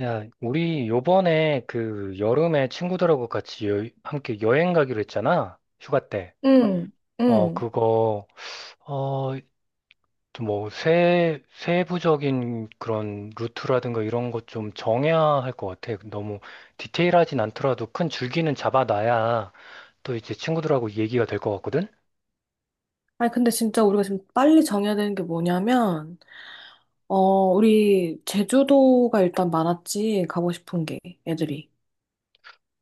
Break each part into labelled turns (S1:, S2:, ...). S1: 야, 우리 요번에 그 여름에 친구들하고 같이 함께 여행 가기로 했잖아. 휴가 때.
S2: 응,
S1: 어,
S2: 응.
S1: 그거, 어, 세부적인 그런 루트라든가 이런 것 좀 정해야 할 것 같아. 너무 디테일하진 않더라도 큰 줄기는 잡아놔야 또 이제 친구들하고 얘기가 될 것 같거든?
S2: 아니, 근데 진짜 우리가 지금 빨리 정해야 되는 게 뭐냐면, 어, 우리 제주도가 일단 많았지, 가고 싶은 게, 애들이.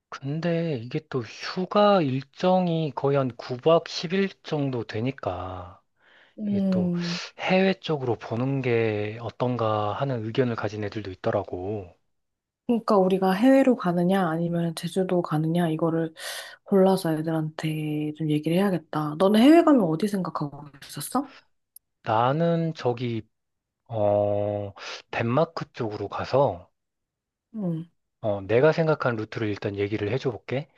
S1: 근데 이게 또 휴가 일정이 거의 한 9박 10일 정도 되니까. 이게 또
S2: 음,
S1: 해외 쪽으로 보는 게 어떤가 하는 의견을 가진 애들도 있더라고.
S2: 그러니까 우리가 해외로 가느냐, 아니면 제주도 가느냐, 이거를 골라서 애들한테 좀 얘기를 해야겠다. 너는 해외 가면 어디 생각하고 있었어?
S1: 나는 저기, 어, 덴마크 쪽으로 가서,
S2: 응,
S1: 내가 생각한 루트를 일단 얘기를 해줘 볼게.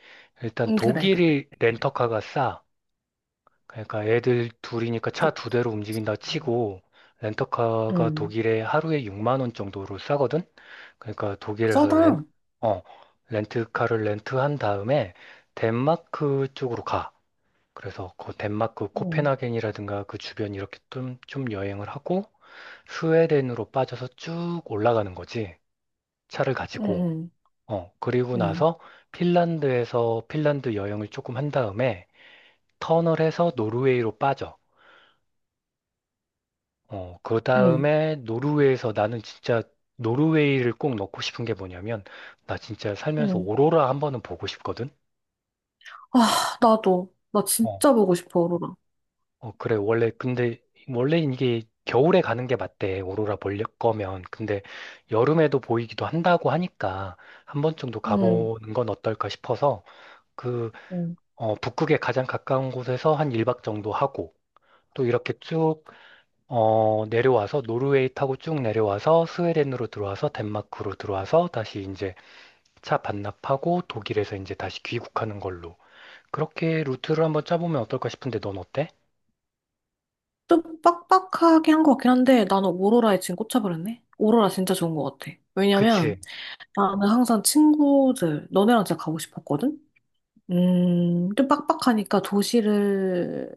S1: 일단
S2: 응, 그래, 그래.
S1: 독일이 렌터카가 싸. 그러니까 애들 둘이니까
S2: 그,
S1: 차 두 대로 움직인다 치고, 렌터카가
S2: 응.
S1: 독일에 하루에 6만 원 정도로 싸거든? 그러니까 독일에서 렌,
S2: 써당.
S1: 어, 렌트카를 렌트한 다음에 덴마크 쪽으로 가. 그래서 그 덴마크
S2: 응,
S1: 코펜하겐이라든가 그 주변 이렇게 좀 여행을 하고 스웨덴으로 빠져서 쭉 올라가는 거지. 차를 가지고.
S2: 응,
S1: 그리고
S2: 응,
S1: 나서 핀란드에서 핀란드 여행을 조금 한 다음에 터널해서 노르웨이로 빠져. 어, 그
S2: 응, 응.
S1: 다음에 노르웨이에서 나는 진짜 노르웨이를 꼭 넣고 싶은 게 뭐냐면 나 진짜 살면서
S2: 응.
S1: 오로라 한 번은 보고 싶거든.
S2: 아, 나도. 나
S1: 어,
S2: 진짜 보고 싶어, 오로라.
S1: 그래. 원래 이게 겨울에 가는 게 맞대. 오로라 볼 거면. 근데 여름에도 보이기도 한다고 하니까 한 번 정도
S2: 응,
S1: 가보는 건 어떨까 싶어서 그,
S2: 응.
S1: 북극에 가장 가까운 곳에서 한 1박 정도 하고 또 이렇게 쭉 내려와서 노르웨이 타고 쭉 내려와서 스웨덴으로 들어와서 덴마크로 들어와서 다시 이제 차 반납하고 독일에서 이제 다시 귀국하는 걸로. 그렇게 루트를 한번 짜보면 어떨까 싶은데 넌 어때?
S2: 좀 빡빡하게 한 것 같긴 한데 나는 오로라에 지금 꽂혀버렸네. 오로라 진짜 좋은 것 같아.
S1: 그치?
S2: 왜냐면 나는 항상 친구들, 너네랑 진짜 가고 싶었거든? 좀 빡빡하니까 도시를,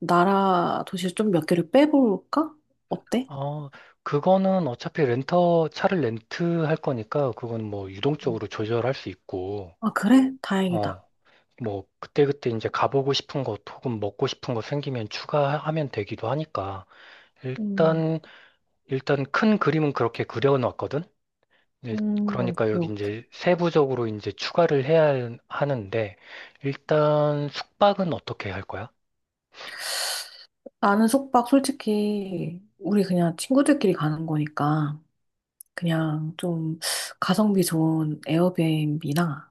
S2: 나라 도시를 좀 몇 개를 빼볼까? 어때?
S1: 어, 차를 렌트할 거니까, 그건 뭐
S2: 음.
S1: 유동적으로 조절할 수 있고,
S2: 아, 그래? 다행이다.
S1: 어, 뭐, 그때그때 이제 가보고 싶은 것 혹은 먹고 싶은 거 생기면 추가하면 되기도 하니까,
S2: 음,
S1: 일단, 일단 큰 그림은 그렇게 그려놨거든? 일- 그러니까
S2: 오케이,
S1: 여기
S2: 오케이.
S1: 이제 세부적으로 이제 하는데, 일단 숙박은 어떻게 할 거야?
S2: 나는 숙박 솔직히 우리 그냥 친구들끼리 가는 거니까. 그냥 좀 가성비 좋은 에어비앤비나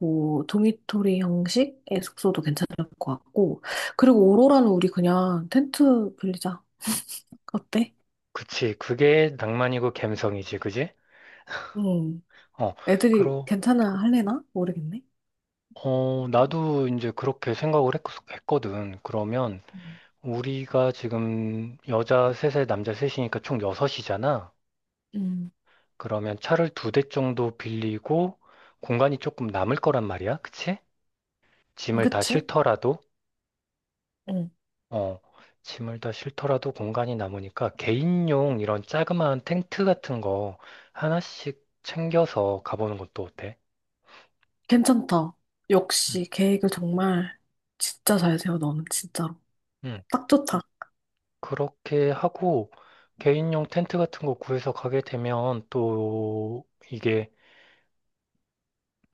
S2: 뭐 도미토리 형식의 숙소도 괜찮을 것 같고 그리고 오로라는 우리 그냥 텐트 빌리자. 어때?
S1: 그치, 그게 낭만이고 갬성이지, 그지?
S2: 응.
S1: 어,
S2: 애들이
S1: 그러,
S2: 괜찮아 할래나? 모르겠네.
S1: 나도 이제 그렇게 생각을 했, 거든 그러면
S2: 음.
S1: 우리가 지금 여자 셋에 남자 셋이니까 총 여섯이잖아.
S2: 음.
S1: 그러면 차를 두 대 정도 빌리고 공간이 조금 남을 거란 말이야. 그치? 짐을 다
S2: 그치?
S1: 싣더라도,
S2: 응.
S1: 어, 짐을 다 싣더라도 공간이 남으니까 개인용 이런 자그마한 텐트 같은 거 하나씩 챙겨서 가보는 것도 어때?
S2: 괜찮다. 역시 계획을 정말 진짜 잘 세워 너는 진짜로.
S1: 응.
S2: 딱 좋다.
S1: 그렇게 하고 개인용 텐트 같은 거 구해서 가게 되면 또 이게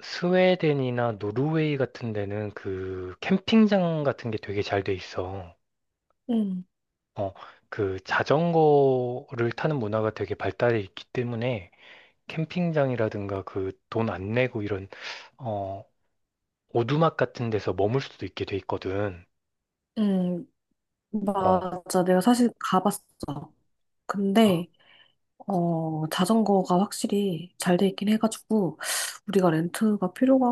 S1: 스웨덴이나 노르웨이 같은 데는 그 캠핑장 같은 게 되게 잘 돼 있어.
S2: 응.
S1: 어, 그 자전거를 타는 문화가 되게 발달해 있기 때문에 캠핑장이라든가 그 돈 안 내고 이런 어, 오두막 같은 데서 머물 수도 있게 돼 있거든.
S2: 응.
S1: 어,
S2: 맞아. 내가 사실 가봤어.
S1: 아,
S2: 근데 자전거가 확실히 잘 돼 있긴 해가지고, 우리가 렌트가 필요가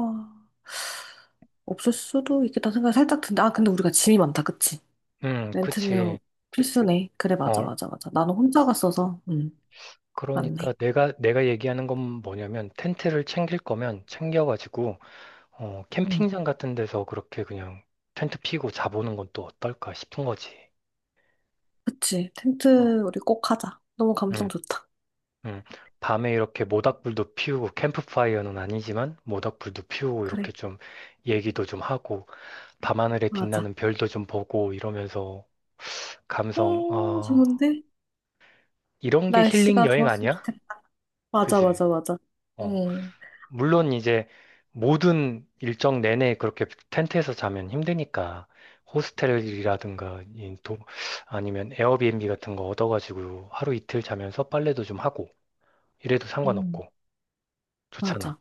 S2: 없을 수도 있겠다 생각이 살짝 든다. 아, 근데 우리가 짐이 많다, 그치? 렌트는
S1: 그치.
S2: 필수네. 그래, 맞아,
S1: 어,
S2: 맞아, 맞아. 나는 혼자 갔어서, 응,
S1: 그러니까
S2: 맞네.
S1: 내가 얘기하는 건 뭐냐면 텐트를 챙길 거면 챙겨가지고
S2: 응,
S1: 캠핑장 같은 데서 그렇게 그냥 텐트 피고 자보는 건 또 어떨까 싶은 거지.
S2: 그치.
S1: 어,
S2: 텐트 우리 꼭 하자. 너무 감성
S1: 응,
S2: 좋다.
S1: 응. 밤에 이렇게 모닥불도 피우고 캠프파이어는 아니지만 모닥불도 피우고
S2: 그래,
S1: 이렇게 좀 얘기도 좀 하고 밤하늘에
S2: 맞아.
S1: 빛나는 별도 좀 보고 이러면서 감성 어,
S2: 좋은데?
S1: 이런 게 힐링
S2: 날씨가
S1: 여행
S2: 좋았으면
S1: 아니야?
S2: 좋겠다. 맞아,
S1: 그지?
S2: 맞아, 맞아.
S1: 어.
S2: 응,
S1: 물론 이제 모든 일정 내내 그렇게 텐트에서 자면 힘드니까 호스텔이라든가 이 도, 아니면 에어비앤비 같은 거 얻어가지고 하루 이틀 자면서 빨래도 좀 하고 이래도
S2: 응,
S1: 상관없고 좋잖아.
S2: 맞아.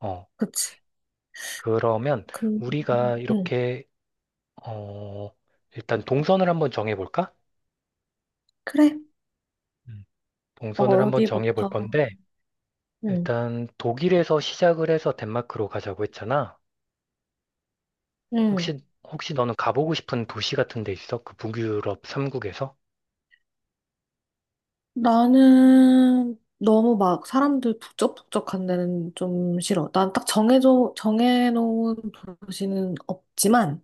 S1: 어,
S2: 그치.
S1: 그러면
S2: 근,
S1: 우리가
S2: 응,
S1: 이렇게 어, 일단 동선을 한번 정해볼까?
S2: 그래.
S1: 음. 동선을 한번 정해볼
S2: 어디부터?
S1: 건데
S2: 응,
S1: 일단 독일에서 시작을 해서 덴마크로 가자고 했잖아.
S2: 응,
S1: 혹시, 혹시 너는 가보고 싶은 도시 같은 데 있어? 그 북유럽 3국에서?
S2: 나는 너무 막 사람들 북적북적한 데는 좀 싫어. 난 딱 정해져, 정해놓은 도시는 없지만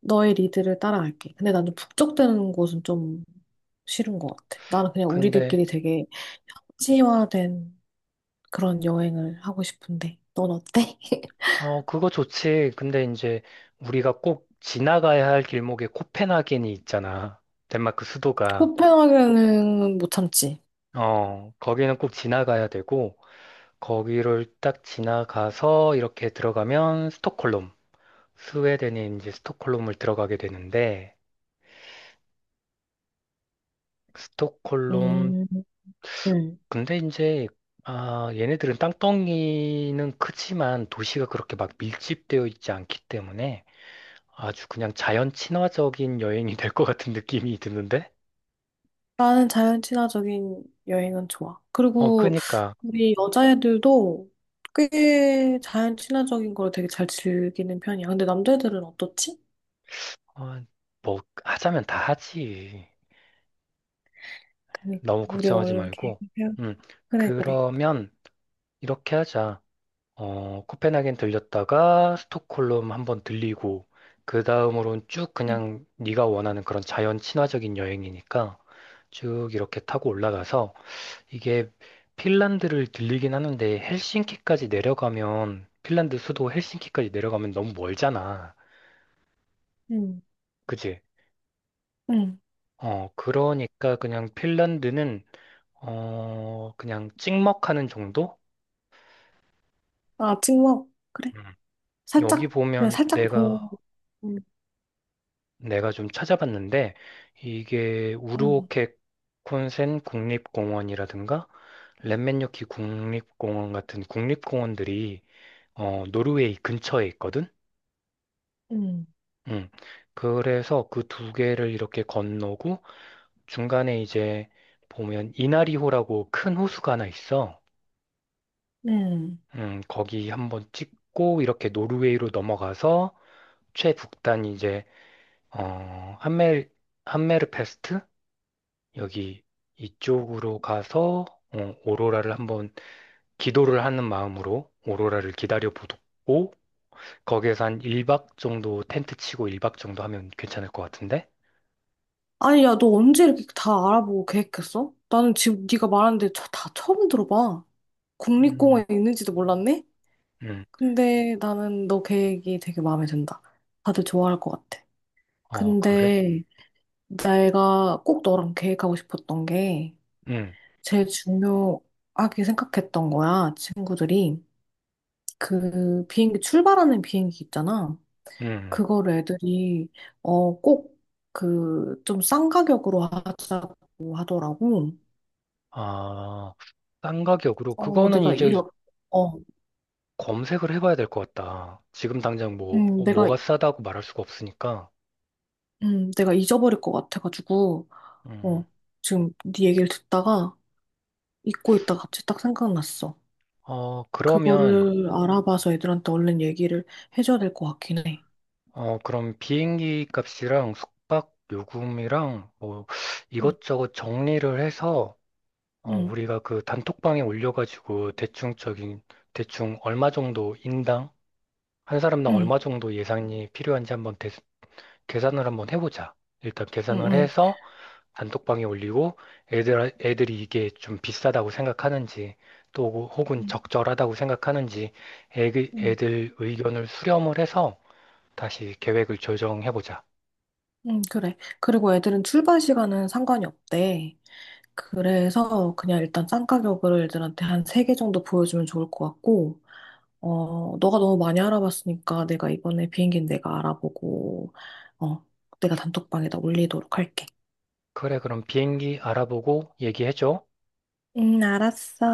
S2: 너의 리드를 따라갈게. 근데 나는 북적대는 곳은 좀 싫은 것 같아. 나는 그냥
S1: 근데,
S2: 우리들끼리 되게 현지화된 그런 여행을 하고 싶은데. 넌 어때?
S1: 그거 좋지. 근데 이제 우리가 꼭 지나가야 할 길목에 코펜하겐이 있잖아. 덴마크 수도가.
S2: 코펜하겐은 못 참지.
S1: 어, 거기는 꼭 지나가야 되고, 거기를 딱 지나가서 이렇게 들어가면 스톡홀름. 스웨덴의 이제 스톡홀름을 들어가게 되는데, 스톡홀름
S2: 음, 응.
S1: 근데 이제 아, 얘네들은 땅덩이는 크지만 도시가 그렇게 막 밀집되어 있지 않기 때문에 아주 그냥 자연 친화적인 여행이 될 것 같은 느낌이 드는데?
S2: 나는 자연 친화적인 여행은 좋아.
S1: 어,
S2: 그리고
S1: 그니까
S2: 우리 여자애들도 꽤 자연 친화적인 걸 되게 잘 즐기는 편이야. 근데 남자애들은 어떻지?
S1: 어, 뭐 하자면 다 하지.
S2: 그러니까
S1: 너무
S2: 우리가
S1: 걱정하지
S2: 얼른
S1: 말고.
S2: 계획을 세워.
S1: 음,
S2: 그래, 그래.
S1: 그러면 이렇게 하자. 어, 코펜하겐 들렸다가 스톡홀름 한번 들리고 그 다음으로는 쭉
S2: 응,
S1: 그냥 네가 원하는 그런 자연 친화적인 여행이니까 쭉 이렇게 타고 올라가서 이게 핀란드를 들리긴 하는데 헬싱키까지 내려가면 핀란드 수도 헬싱키까지 내려가면 너무 멀잖아.
S2: 응,
S1: 그지?
S2: 응.
S1: 어, 그러니까 그냥 핀란드는 어, 그냥 찍먹하는 정도?
S2: 아, 찍먹. 그래.
S1: 음. 여기
S2: 살짝, 그냥
S1: 보면
S2: 살짝
S1: 내가
S2: 보고. 응,
S1: 내가 좀 찾아봤는데 이게
S2: 응,
S1: 우르오케 콘센 국립공원이라든가 렛면요키 국립공원 같은 국립공원들이 어, 노르웨이 근처에 있거든.
S2: 응,
S1: 음. 그래서 그 두 개를 이렇게 건너고 중간에 이제 보면 이나리호라고 큰 호수가 하나 있어.
S2: 응.
S1: 거기 한번 찍고 이렇게 노르웨이로 넘어가서 최북단 이제 어, 한멜 함메르페스트 여기 이쪽으로 가서 어, 오로라를 한번 기도를 하는 마음으로 오로라를 기다려 보고 거기에서 한 1박 정도 텐트 치고 1박 정도 하면 괜찮을 것 같은데?
S2: 아니, 야, 너 언제 이렇게 다 알아보고 계획했어? 나는 지금 네가 말하는데 저 다 처음 들어봐.
S1: 음,
S2: 국립공원에 있는지도 몰랐네?
S1: 음,
S2: 근데 나는 너 계획이 되게 마음에 든다. 다들 좋아할 것 같아.
S1: 어, 그래?
S2: 근데 내가 꼭 너랑 계획하고 싶었던 게
S1: 음,
S2: 제일 중요하게 생각했던 거야. 친구들이 그 비행기 출발하는 비행기 있잖아.
S1: 음.
S2: 그거를 애들이 꼭 그 좀 싼 가격으로 하자고 하더라고.
S1: 아, 싼 가격으로
S2: 어
S1: 그거는
S2: 내가
S1: 이제
S2: 이러 어
S1: 검색을 해봐야 될 것 같다. 지금 당장 뭐
S2: 음,
S1: 어,
S2: 내가
S1: 뭐가 싸다고 말할 수가 없으니까.
S2: 내가 잊어버릴 것 같아가지고 어
S1: 음.
S2: 지금 네 얘기를 듣다가 잊고 있다 갑자기 딱 생각났어.
S1: 어, 그러면
S2: 그거를 알아봐서 애들한테 얼른 얘기를 해줘야 될 것 같긴 해.
S1: 그럼 비행기 값이랑 숙박 요금이랑 뭐
S2: 응,
S1: 이것저것 정리를 해서
S2: 응,
S1: 우리가 그 단톡방에 올려가지고 대충 얼마 정도 인당 한 사람당
S2: 응,
S1: 얼마 정도 예산이 필요한지 계산을 한번 해보자. 일단
S2: 응,
S1: 계산을
S2: 응,
S1: 해서 단톡방에 올리고 애들이 이게 좀 비싸다고 생각하는지 또 혹은
S2: 응,
S1: 적절하다고 생각하는지
S2: 응,
S1: 애들 의견을 수렴을 해서 다시 계획을 조정해보자.
S2: 응, 그래. 그리고 애들은 출발 시간은 상관이 없대. 그래서 그냥 일단 싼 가격을 애들한테 한 3개 정도 보여주면 좋을 것 같고, 너가 너무 많이 알아봤으니까 내가 이번에 비행기는 내가 알아보고, 어, 내가 단톡방에다 올리도록 할게.
S1: 그래, 그럼 비행기 알아보고 얘기해줘.
S2: 응, 알았어.